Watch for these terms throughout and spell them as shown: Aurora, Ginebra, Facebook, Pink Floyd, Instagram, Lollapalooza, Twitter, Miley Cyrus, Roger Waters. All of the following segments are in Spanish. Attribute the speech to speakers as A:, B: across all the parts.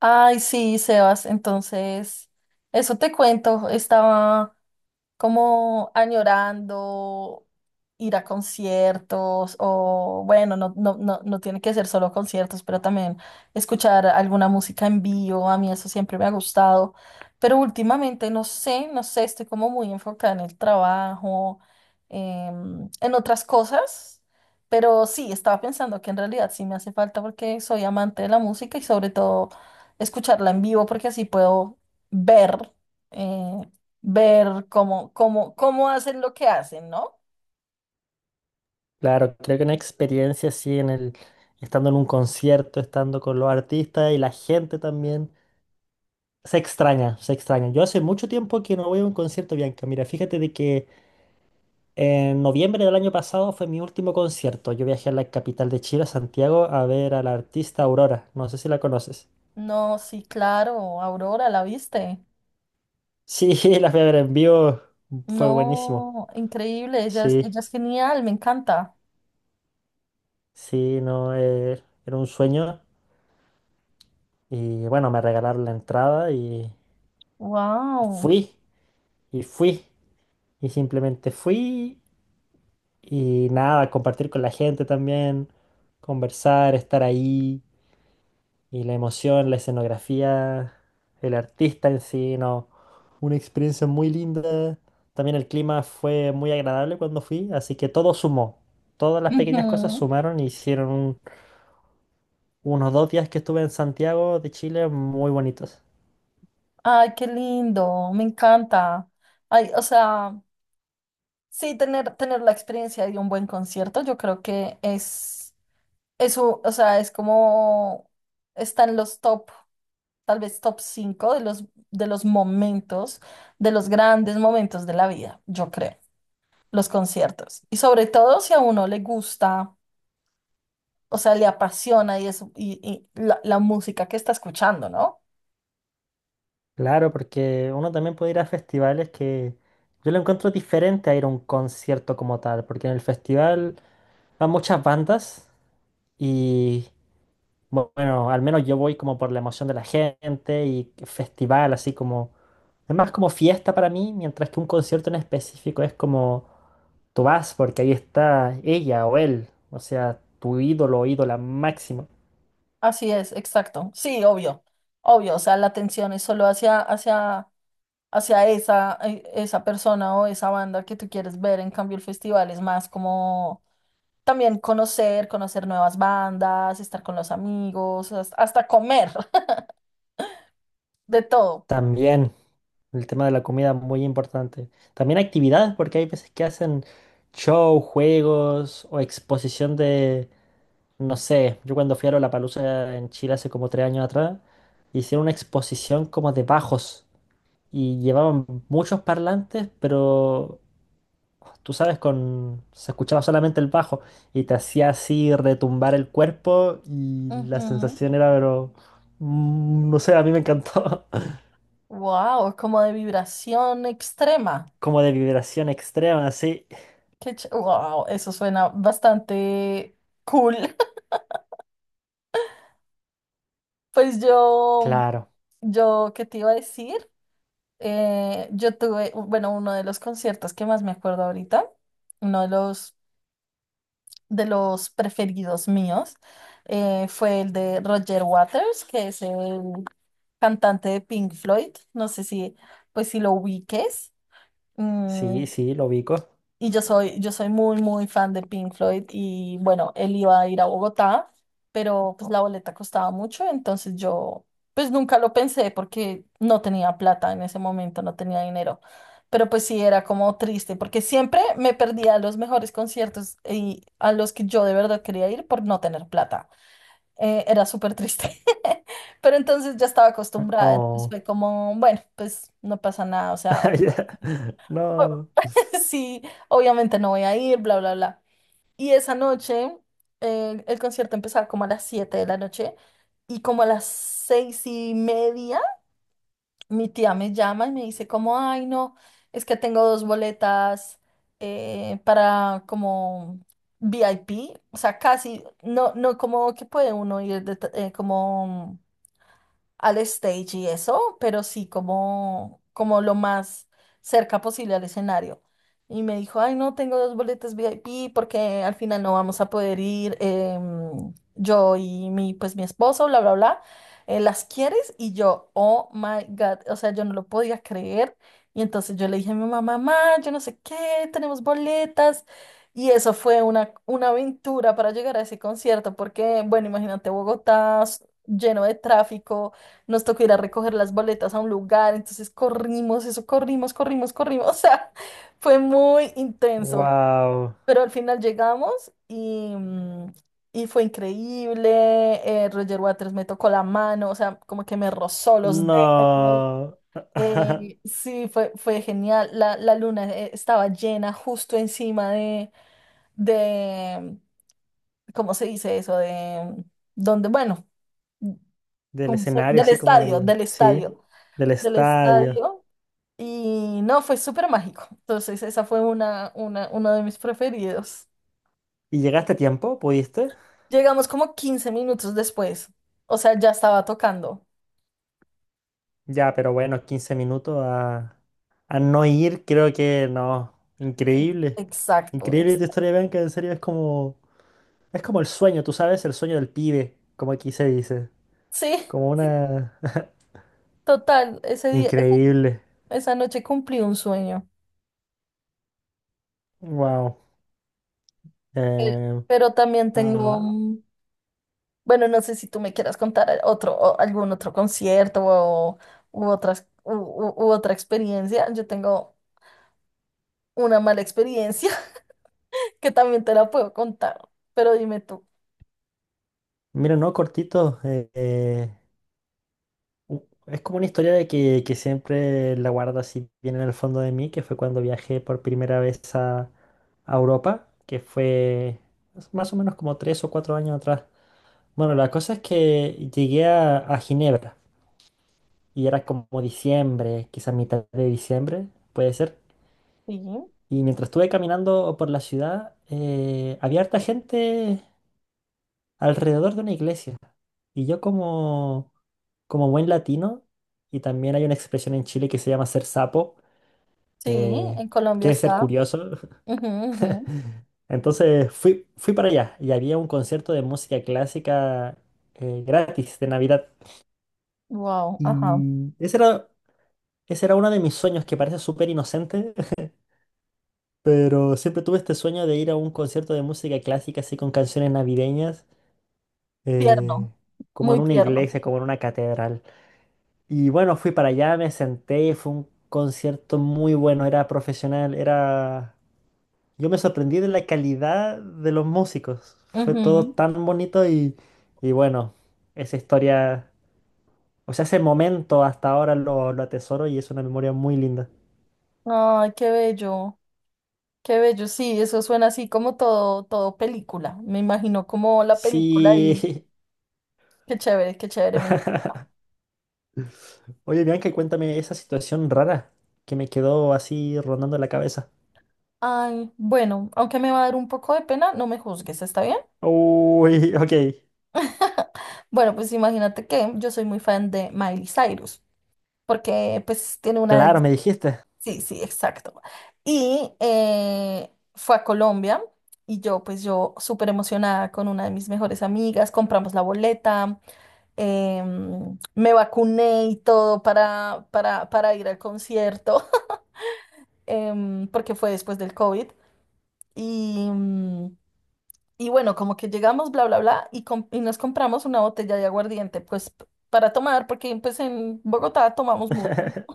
A: Ay, sí, Sebas, entonces, eso te cuento, estaba como añorando ir a conciertos o bueno, no, no, no, no tiene que ser solo conciertos, pero también escuchar alguna música en vivo, a mí eso siempre me ha gustado, pero últimamente no sé, estoy como muy enfocada en el trabajo, en otras cosas. Pero sí, estaba pensando que en realidad sí me hace falta porque soy amante de la música y sobre todo escucharla en vivo porque así puedo ver eh, ver cómo hacen lo que hacen, ¿no?
B: Claro, creo que una experiencia así estando en un concierto, estando con los artistas y la gente también, se extraña, se extraña. Yo hace mucho tiempo que no voy a un concierto, Bianca. Mira, fíjate de que en noviembre del año pasado fue mi último concierto. Yo viajé a la capital de Chile, a Santiago, a ver a la artista Aurora. No sé si la conoces.
A: No, sí, claro, Aurora, ¿la viste?
B: Sí, la fui a ver en vivo, fue buenísimo.
A: No, increíble, ella es,
B: Sí,
A: ella es genial, me encanta.
B: sí, no, era un sueño. Y bueno, me regalaron la entrada y
A: Wow.
B: fui, y fui. Y simplemente fui y nada, compartir con la gente también, conversar, estar ahí. Y la emoción, la escenografía, el artista en sí, no, una experiencia muy linda. También el clima fue muy agradable cuando fui, así que todo sumó. Todas las pequeñas cosas sumaron y hicieron unos 2 días que estuve en Santiago de Chile muy bonitos.
A: Ay, qué lindo, me encanta. Ay, o sea, sí, tener la experiencia de un buen concierto, yo creo que es eso, o sea, es como están los top. Tal vez top 5 de los momentos, de los grandes momentos de la vida, yo creo, los conciertos. Y sobre todo si a uno le gusta, o sea, le apasiona y, eso, y la música que está escuchando, ¿no?
B: Claro, porque uno también puede ir a festivales que yo lo encuentro diferente a ir a un concierto como tal, porque en el festival van muchas bandas y bueno, al menos yo voy como por la emoción de la gente y festival, así como... Es más como fiesta para mí, mientras que un concierto en específico es como tú vas porque ahí está ella o él, o sea, tu ídolo o ídola máximo.
A: Así es, exacto. Sí, obvio, obvio, o sea, la atención es solo hacia, hacia, hacia esa, esa persona o esa banda que tú quieres ver, en cambio el festival es más como... También conocer, conocer nuevas bandas, estar con los amigos, hasta comer. De todo.
B: También el tema de la comida muy importante. También actividades porque hay veces que hacen show, juegos o exposición de... No sé, yo cuando fui a Lollapalooza en Chile hace como 3 años atrás, hicieron una exposición como de bajos y llevaban muchos parlantes, pero tú sabes, con se escuchaba solamente el bajo y te hacía así retumbar el cuerpo y la sensación era, pero no sé, a mí me encantó.
A: Wow, como de vibración extrema.
B: Como de vibración extrema, así.
A: Qué wow, eso suena bastante cool. Pues yo,
B: Claro,
A: yo, ¿qué te iba a decir? Yo tuve, bueno, uno de los conciertos que más me acuerdo ahorita, uno de los preferidos míos, fue el de Roger Waters, que es el cantante de Pink Floyd. No sé si, pues si lo ubiques. Mm,
B: sí, sí, lo ubico.
A: y yo soy muy fan de Pink Floyd y bueno, él iba a ir a Bogotá, pero pues la boleta costaba mucho, entonces yo pues nunca lo pensé porque no tenía plata en ese momento, no tenía dinero. Pero pues sí, era como triste porque siempre me perdía los mejores conciertos y a los que yo de verdad quería ir por no tener plata. Era súper triste. Pero entonces ya estaba acostumbrada, entonces
B: Oh,
A: fue como, bueno, pues no pasa nada, o sea,
B: ya, no,
A: sí, obviamente no voy a ir, bla, bla, bla. Y esa noche, el concierto empezaba como a las 7 de la noche y como a las 6 y media, mi tía me llama y me dice como, ay, no, es que tengo dos boletas para como VIP, o sea, casi, no, no como que puede uno ir de como al stage y eso, pero sí como, como lo más cerca posible al escenario. Y me dijo, ay, no, tengo dos boletas VIP porque al final no vamos a poder ir yo y mi, pues mi esposo, bla, bla, bla. ¿Las quieres? Y yo, oh my God, o sea, yo no lo podía creer. Y entonces yo le dije a mi mamá, mamá, yo no sé qué, tenemos boletas. Y eso fue una aventura para llegar a ese concierto, porque, bueno, imagínate Bogotá lleno de tráfico, nos tocó ir a recoger las boletas a un lugar, entonces corrimos, eso, corrimos, corrimos, corrimos. O sea, fue muy intenso,
B: wow.
A: pero al final llegamos y, mm, y fue increíble. Roger Waters me tocó la mano, o sea, como que me rozó los dedos.
B: No.
A: Sí, fue, fue genial. La luna estaba llena justo encima de, ¿cómo se dice eso? De, mm, donde, bueno,
B: Del
A: ¿cómo
B: escenario,
A: del
B: así como
A: estadio,
B: del...
A: del
B: Sí,
A: estadio
B: del
A: del
B: estadio.
A: estadio. Y no, fue súper mágico. Entonces, esa fue una, uno de mis preferidos.
B: ¿Y llegaste a tiempo? ¿Pudiste?
A: Llegamos como 15 minutos después. O sea, ya estaba tocando.
B: Ya, pero bueno, 15 minutos a no ir, creo que no.
A: E-
B: Increíble.
A: Exacto,
B: Increíble tu
A: exacto.
B: historia, Bianca. En serio, es como... Es como el sueño, tú sabes, el sueño del pibe, como aquí se dice.
A: Sí,
B: Como
A: sí,
B: una...
A: total. Ese día, esa,
B: Increíble.
A: esa noche cumplí un sueño.
B: Wow.
A: Eh,
B: Eh,
A: Pero también tengo,
B: ah,
A: mm, bueno, no sé si tú me quieras contar otro, o algún otro concierto o, u otras, u otra experiencia. Yo tengo una mala experiencia que también te la puedo contar. Pero dime tú.
B: mira, no, cortito. Es como una historia de que siempre la guardo así bien en el fondo de mí, que fue cuando viajé por primera vez a Europa, que fue más o menos como 3 o 4 años atrás. Bueno, la cosa es que llegué a Ginebra y era como diciembre, quizás mitad de diciembre, puede ser.
A: Sí.
B: Y mientras estuve caminando por la ciudad, había harta gente alrededor de una iglesia. Y yo como, como buen latino, y también hay una expresión en Chile que se llama ser sapo,
A: Sí,
B: eh,
A: en Colombia
B: que es ser
A: está.
B: curioso. Entonces fui, fui para allá y había un concierto de música clásica gratis de Navidad.
A: Wow, ajá.
B: Y ese era, ese era uno de mis sueños que parece súper inocente, pero siempre tuve este sueño de ir a un concierto de música clásica así con canciones navideñas, eh,
A: Tierno,
B: como en
A: muy
B: una
A: tierno.
B: iglesia, como en una catedral. Y bueno, fui para allá, me senté y fue un concierto muy bueno, era profesional, era... Yo me sorprendí de la calidad de los músicos, fue todo
A: Ujú.
B: tan bonito y bueno, esa historia, o sea, ese momento hasta ahora lo atesoro y es una memoria muy linda.
A: Ay, qué bello, qué bello. Sí, eso suena así como todo, todo película. Me imagino como la película y
B: Sí,
A: qué chévere, qué chévere. Me-
B: oye Bianca, cuéntame esa situación rara que me quedó así rondando la cabeza.
A: ay, bueno, aunque me va a dar un poco de pena, no me juzgues, ¿está bien?
B: Uy, ok,
A: Bueno, pues imagínate que yo soy muy fan de Miley Cyrus, porque pues tiene una
B: claro,
A: de
B: me dijiste.
A: sí, sí, exacto. Y fue a Colombia y yo, pues yo súper emocionada con una de mis mejores amigas, compramos la boleta, me vacuné y todo para ir al concierto, porque fue después del COVID. Y, mm, y bueno, como que llegamos, bla, bla, bla, y, y nos compramos una botella de aguardiente, pues para tomar, porque pues en Bogotá tomamos mucho.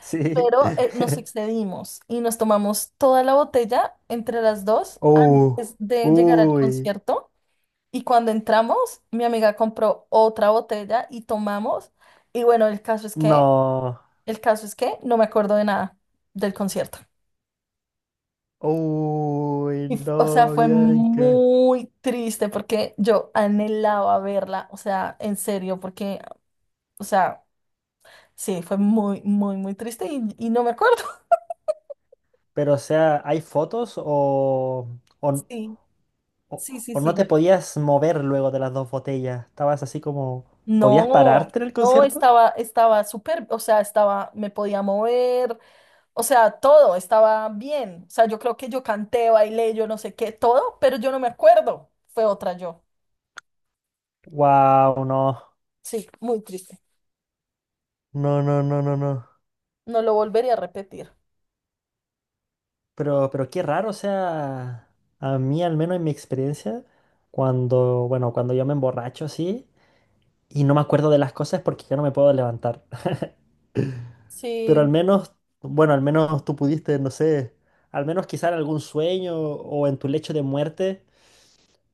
B: Sí.
A: Pero nos excedimos y nos tomamos toda la botella entre las dos
B: Uh,
A: antes de llegar al
B: uy,
A: concierto. Y cuando entramos, mi amiga compró otra botella y tomamos. Y bueno, el caso es que,
B: no,
A: el caso es que no me acuerdo de nada del concierto.
B: uy,
A: Y, o sea,
B: no,
A: fue
B: Bianca.
A: muy triste porque yo anhelaba verla, o sea, en serio, porque, o sea, sí, fue muy, muy, muy triste y no me acuerdo.
B: Pero, o sea, ¿hay fotos o, o,
A: Sí,
B: o-
A: sí, sí,
B: o no
A: sí.
B: te podías mover luego de las dos botellas? Estabas así como, ¿podías
A: No,
B: pararte en el
A: no
B: concierto?
A: estaba, estaba súper, o sea, estaba, me podía mover, o sea, todo estaba bien. O sea, yo creo que yo canté, bailé, yo no sé qué, todo, pero yo no me acuerdo. Fue otra yo.
B: Wow, no,
A: Sí, muy triste.
B: no, no, no, no, no.
A: No lo volvería a repetir.
B: Pero qué raro, o sea, a mí al menos en mi experiencia, cuando, bueno, cuando yo me emborracho así y no me acuerdo de las cosas porque yo no me puedo levantar. Pero al
A: Sí,
B: menos, bueno, al menos tú pudiste, no sé, al menos quizá en algún sueño o en tu lecho de muerte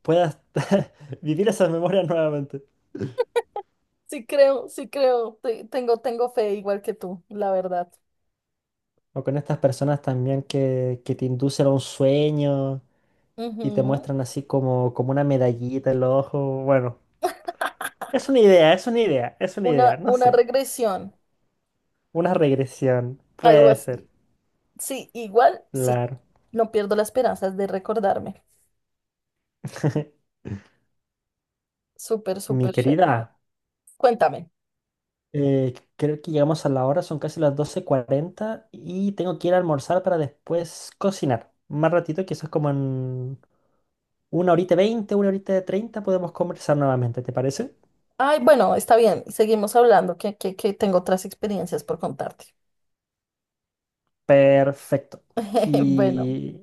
B: puedas vivir esas memorias nuevamente.
A: sí creo, sí creo. Tengo, tengo fe igual que tú, la verdad.
B: O con estas personas también que te inducen a un sueño y te
A: Ujú.
B: muestran así como, como una medallita en los ojos. Bueno, es una idea, es una idea, es una idea, no
A: Una
B: sé.
A: regresión,
B: Una regresión,
A: algo
B: puede ser,
A: así. Sí, igual, sí.
B: claro.
A: No pierdo las esperanzas de recordarme. Súper,
B: Mi
A: súper chévere.
B: querida.
A: Cuéntame.
B: Creo que llegamos a la hora, son casi las 12:40 y tengo que ir a almorzar para después cocinar. Más ratito, quizás como en una horita 20, una horita 30, podemos conversar nuevamente, ¿te parece?
A: Ay, bueno, está bien, seguimos hablando, que tengo otras experiencias por contarte.
B: Perfecto.
A: Bueno,
B: Y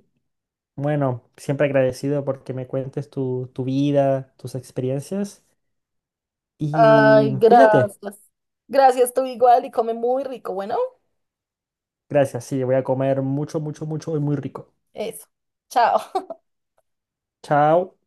B: bueno, siempre agradecido porque me cuentes tu, tu vida, tus experiencias y
A: ay,
B: cuídate.
A: gracias. Gracias, tú igual y come muy rico. Bueno,
B: Gracias, sí, voy a comer mucho, mucho, mucho y muy rico.
A: eso. Chao.
B: Chao.